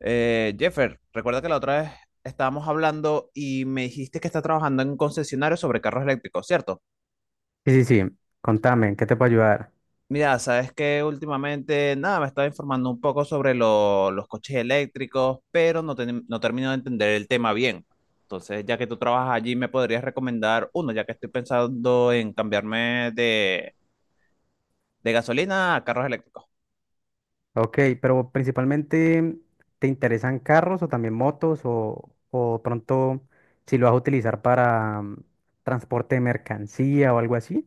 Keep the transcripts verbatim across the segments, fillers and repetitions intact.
Eh, Jeffer, recuerda que la otra vez estábamos hablando y me dijiste que está trabajando en un concesionario sobre carros eléctricos, ¿cierto? Sí, sí, sí. Contame, ¿en ¿qué te puedo ayudar? Mira, sabes que últimamente, nada, me estaba informando un poco sobre lo- los coches eléctricos, pero no, ten- no termino de entender el tema bien. Entonces, ya que tú trabajas allí, ¿me podrías recomendar uno, ya que estoy pensando en cambiarme de, de gasolina a carros eléctricos? Ok, pero principalmente, ¿te interesan carros o también motos o, o pronto si lo vas a utilizar para mm, transporte de mercancía o algo así?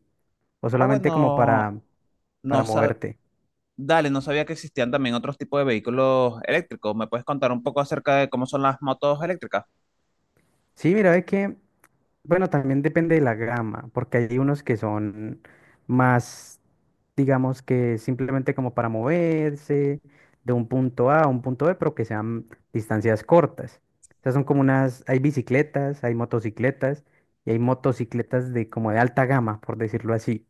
¿O Ah, solamente como bueno, para, para no, sa- moverte? dale, no sabía que existían también otros tipos de vehículos eléctricos. ¿Me puedes contar un poco acerca de cómo son las motos eléctricas? Sí, mira, ve que bueno, también depende de la gama, porque hay unos que son más, digamos que simplemente como para moverse de un punto A a un punto B, pero que sean distancias cortas. O sea, son como unas, hay bicicletas, hay motocicletas y hay motocicletas de como de alta gama, por decirlo así.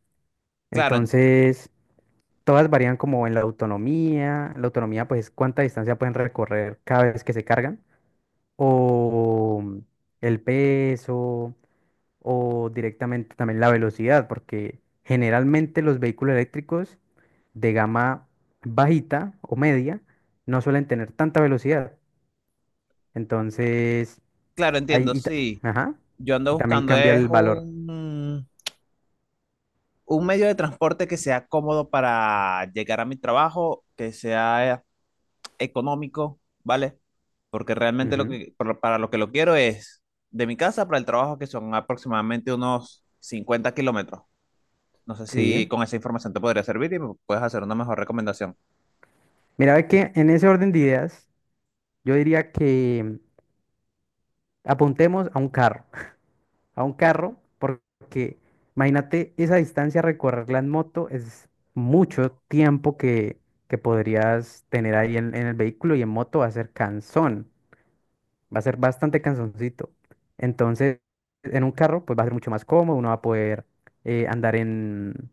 Claro, ent- Entonces, todas varían como en la autonomía. La autonomía, pues, cuánta distancia pueden recorrer cada vez que se cargan o el peso o directamente también la velocidad, porque generalmente los vehículos eléctricos de gama bajita o media no suelen tener tanta velocidad. Entonces, claro, ahí, entiendo, y, ta- sí. ajá, Yo ando y también buscando cambia es el valor. un, un medio de transporte que sea cómodo para llegar a mi trabajo, que sea eh, económico, ¿vale? Porque realmente lo Ujú. que, por lo- para lo que lo quiero es de mi casa para el trabajo, que son aproximadamente unos cincuenta kilómetros. No sé Sí, si con esa información te podría servir y me puedes hacer una mejor recomendación. mira, ve que en ese orden de ideas, yo diría que apuntemos a un carro. A un carro, porque imagínate esa distancia recorrerla en moto es mucho tiempo que, que podrías tener ahí en, en el vehículo, y en moto va a ser cansón, va a ser bastante cansoncito. Entonces, en un carro pues va a ser mucho más cómodo, uno va a poder eh, andar en,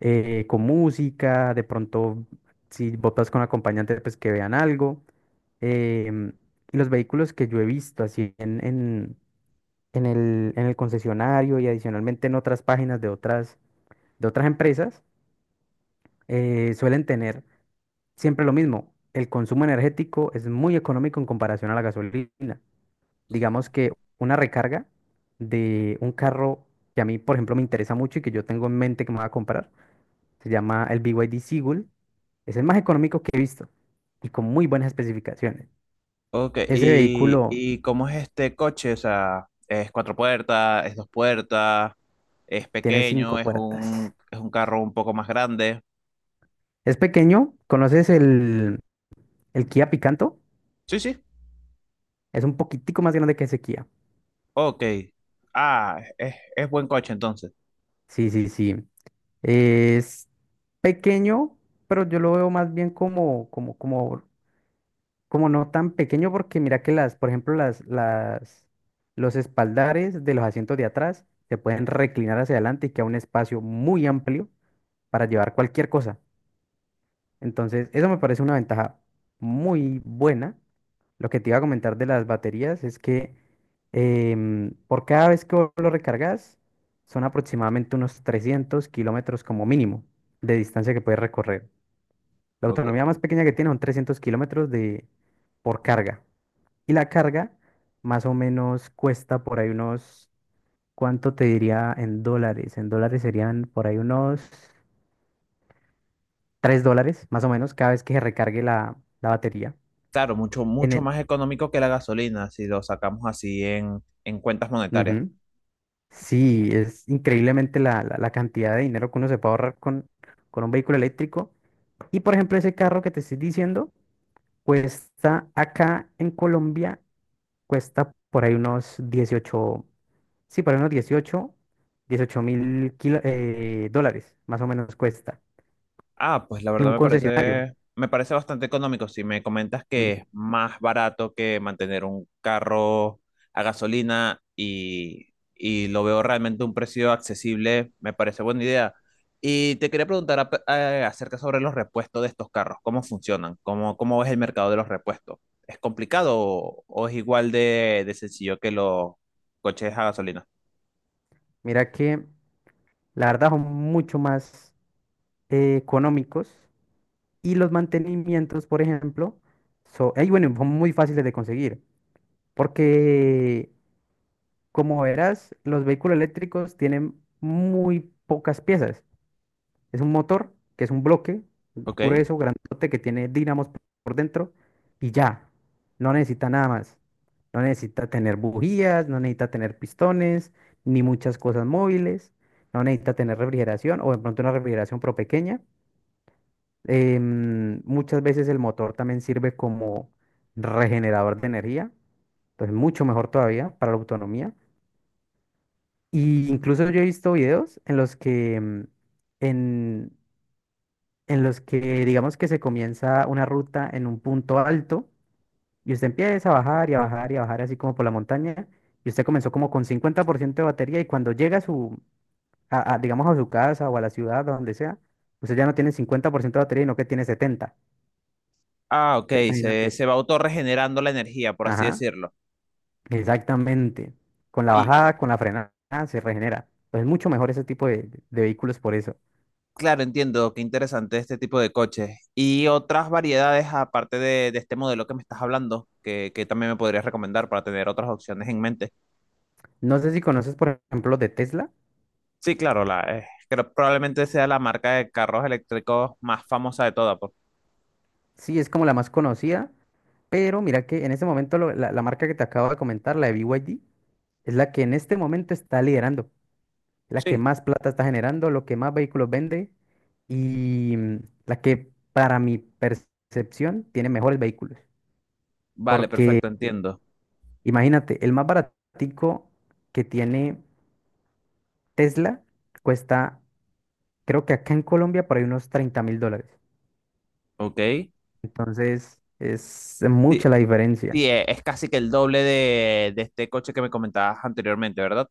eh, con música, de pronto si botas con acompañante pues que vean algo. em, y los vehículos que yo he visto así en, en en el, en el concesionario y adicionalmente en otras páginas de otras, de otras empresas, eh, suelen tener siempre lo mismo. El consumo energético es muy económico en comparación a la gasolina. Digamos que una recarga de un carro que a mí, por ejemplo, me interesa mucho y que yo tengo en mente que me voy a comprar, se llama el B Y D Seagull. Es el más económico que he visto y con muy buenas especificaciones. Ok, Ese ¿y, vehículo y cómo es este coche? O sea, ¿es cuatro puertas, es dos puertas, es tiene pequeño, cinco es puertas. un, es un carro un poco más grande? Es pequeño. ¿Conoces el, el Kia Picanto? Sí, sí. Es un poquitico más grande que Sequía. Ok. Ah, es, es buen coche entonces. Sí, sí, sí. Es pequeño, pero yo lo veo más bien como, como, como, como no tan pequeño, porque mira que las, por ejemplo, las, las, los espaldares de los asientos de atrás se pueden reclinar hacia adelante y queda un espacio muy amplio para llevar cualquier cosa. Entonces, eso me parece una ventaja muy buena. Lo que te iba a comentar de las baterías es que em, por cada vez que vos lo recargas, son aproximadamente unos trescientos kilómetros como mínimo de distancia que puedes recorrer. La Ok. autonomía más pequeña que tiene son trescientos kilómetros de, por carga. Y la carga más o menos cuesta por ahí unos, ¿cuánto te diría en dólares? En dólares serían por ahí unos tres dólares más o menos cada vez que se recargue la, la batería. Claro, mucho, En mucho el... más económico que la gasolina si lo sacamos así en, en cuentas monetarias. Ujú. Sí, es increíblemente la, la- la cantidad de dinero que uno se puede ahorrar con, con un vehículo eléctrico. Y por ejemplo, ese carro que te estoy diciendo cuesta acá en Colombia, cuesta por ahí unos dieciocho, sí, por ahí unos dieciocho dieciocho mil kilo- eh, dólares, más o menos cuesta, Ah, pues la en verdad un me concesionario. parece, me parece bastante económico. Si me comentas que es Ujú. más barato que mantener un carro a gasolina y, y lo veo realmente un precio accesible, me parece buena idea. Y te quería preguntar ap- eh, acerca sobre los repuestos de estos carros, cómo funcionan, cómo, cómo es el mercado de los repuestos. ¿Es complicado o, o es igual de, de sencillo que los coches a gasolina? Mira que la verdad son mucho más eh, económicos. Y los mantenimientos, por ejemplo, son, bueno, son muy fáciles de conseguir, porque como verás, los vehículos eléctricos tienen muy pocas piezas. Es un motor, que es un bloque ¿Ok? grueso, grandote, que tiene dínamos por dentro y ya, no necesita nada más. No necesita tener bujías, no necesita tener pistones, ni muchas cosas móviles, no necesita tener refrigeración o de pronto una refrigeración pro pequeña. Em, muchas veces el motor también sirve como regenerador de energía, entonces mucho mejor todavía para la autonomía. Y incluso yo he visto videos en los que, em, en, en los que digamos que se comienza una ruta en un punto alto y usted empieza a bajar y a bajar y a bajar así como por la montaña, y usted comenzó como con cincuenta por ciento de batería, y cuando llega a su, a- a, digamos a su casa o a la ciudad o donde sea, usted ya no tiene cincuenta por ciento de batería, sino que tiene setenta. Ah, ok, se, Imagínate. se va autorregenerando la energía, por así Ajá. decirlo. Exactamente. Con la Y, bajada, con la frenada, se regenera. Pues es mucho mejor ese tipo de, de vehículos por eso. Claro, entiendo, qué interesante este tipo de coches. Y otras variedades, aparte de, de este modelo que me estás hablando, que, que también me podrías recomendar para tener otras opciones en mente. No sé si conoces, por ejemplo, los de Tesla. Sí, claro, la, eh, creo probablemente sea la marca de carros eléctricos más famosa de todas. por- Sí, es como la más conocida, pero mira que en este momento lo- la, la marca que te acabo de comentar, la de B Y D, es la que en este momento está liderando, la que Sí, más plata está generando, lo que más vehículos vende y mm, la que, para mi percepción, tiene mejores vehículos. vale, Porque perfecto, entiendo. imagínate, el más baratico que tiene Tesla cuesta, creo que acá en Colombia por ahí unos treinta mil dólares. Ok. Entonces es mucha Sí, la diferencia. sí, eh, es casi que el doble de, de este coche que me comentabas anteriormente, ¿verdad?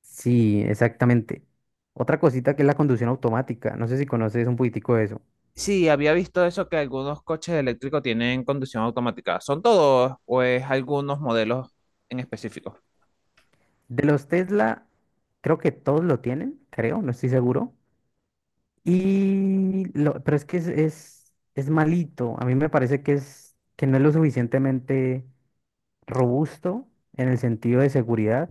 Sí, exactamente. Otra cosita que es la conducción automática. No sé si conoces un poquitico de eso. Sí, había visto eso que algunos coches eléctricos tienen conducción automática. ¿Son todos o es algunos modelos en específico? De los Tesla, creo que todos lo tienen, creo, no estoy seguro. Y lo, pero es que es, es, es malito. A mí me parece que es que no es lo suficientemente robusto en el sentido de seguridad,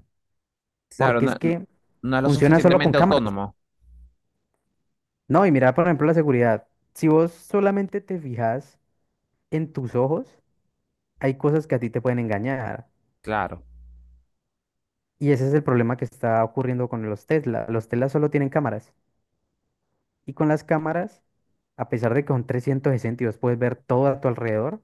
Claro, porque no, es que no es lo funciona solo con suficientemente cámaras. autónomo. No, y mira, por ejemplo, la seguridad. Si vos solamente te fijas en tus ojos, hay cosas que a ti te pueden engañar. Claro. Y ese es el problema que está ocurriendo con los Tesla. Los Tesla solo tienen cámaras. Y con las cámaras, a pesar de que son trescientos sesenta y vos puedes ver todo a tu alrededor,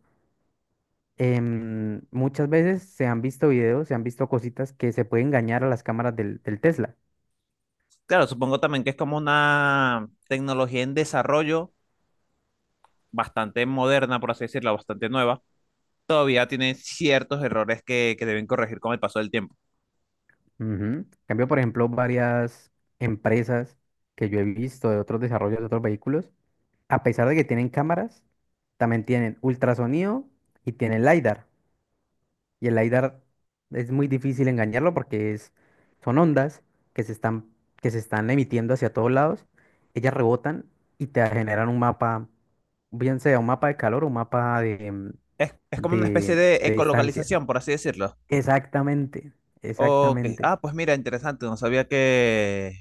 em, muchas veces se han visto videos, se han visto cositas que se pueden engañar a las cámaras del, del Tesla. Claro, supongo también que es como una tecnología en desarrollo bastante moderna, por así decirlo, bastante nueva. Todavía tiene ciertos errores que, que deben corregir con el paso del tiempo. Ujú. En cambio, por ejemplo, varias empresas que yo he visto de otros desarrollos de otros vehículos, a pesar de que tienen cámaras, también tienen ultrasonido y tienen LiDAR. Y el LiDAR es muy difícil engañarlo porque es, son ondas que se están, que se están emitiendo hacia todos lados. Ellas rebotan y te generan un mapa, bien sea un mapa de calor o un mapa de, mm, Es, es como una especie de, de de distancia. ecolocalización, por así decirlo. Exactamente, Ok. exactamente. Ah, pues mira, interesante. No sabía que,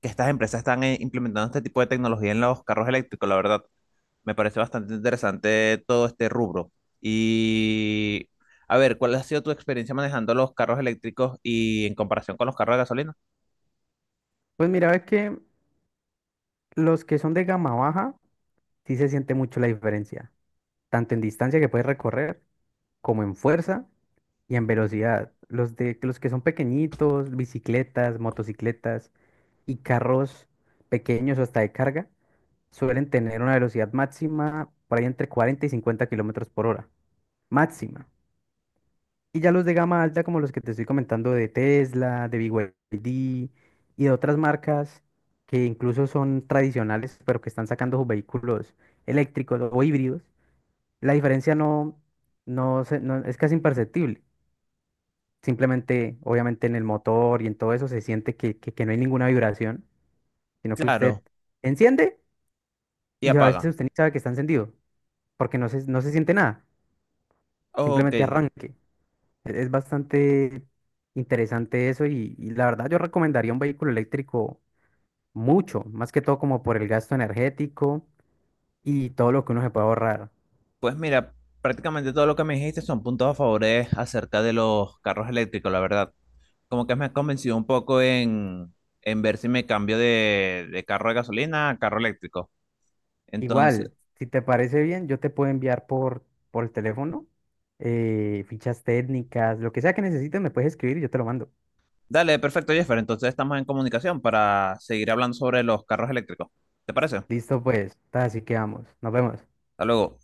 que estas empresas están eh, implementando este tipo de tecnología en los carros eléctricos, la verdad. Me parece bastante interesante todo este rubro. Y a ver, ¿cuál ha sido tu experiencia manejando los carros eléctricos y en comparación con los carros de gasolina? Pues mira, es que los que son de gama baja, sí se siente mucho la diferencia, tanto en distancia que puedes recorrer, como en fuerza y en velocidad. Los de los que son pequeñitos, bicicletas, motocicletas y carros pequeños o hasta de carga, suelen tener una velocidad máxima por ahí entre cuarenta y cincuenta kilómetros por hora. Máxima. Y ya los de gama alta, como los que te estoy comentando de Tesla, de B Y D y D y de otras marcas que incluso son tradicionales, pero que están sacando sus vehículos eléctricos o híbridos, la diferencia no, no, se- no- es casi imperceptible. Simplemente, obviamente, en el motor y en todo eso se siente que, que, que no hay ninguna vibración, sino que usted Claro, enciende, y y a veces apaga. usted ni sabe que está encendido, porque no se, no se siente nada, Ok, simplemente arranque. Es es bastante interesante eso, y, y la verdad yo recomendaría un vehículo eléctrico mucho, más que todo como por el gasto energético y todo lo que uno se puede ahorrar. pues mira, prácticamente todo lo que me dijiste son puntos a favores acerca de los carros eléctricos, la verdad. Como que me has convencido un poco en, en ver si me cambio de, de carro de gasolina a carro eléctrico. Entonces, Igual, si te parece bien, yo te puedo enviar por, por el teléfono eh, fichas técnicas, lo que sea que necesites me puedes escribir y yo te lo mando. dale, perfecto, Jeffer. Entonces estamos en comunicación para seguir hablando sobre los carros eléctricos. ¿Te parece? Hasta Listo pues, ta, así que vamos, nos vemos. luego.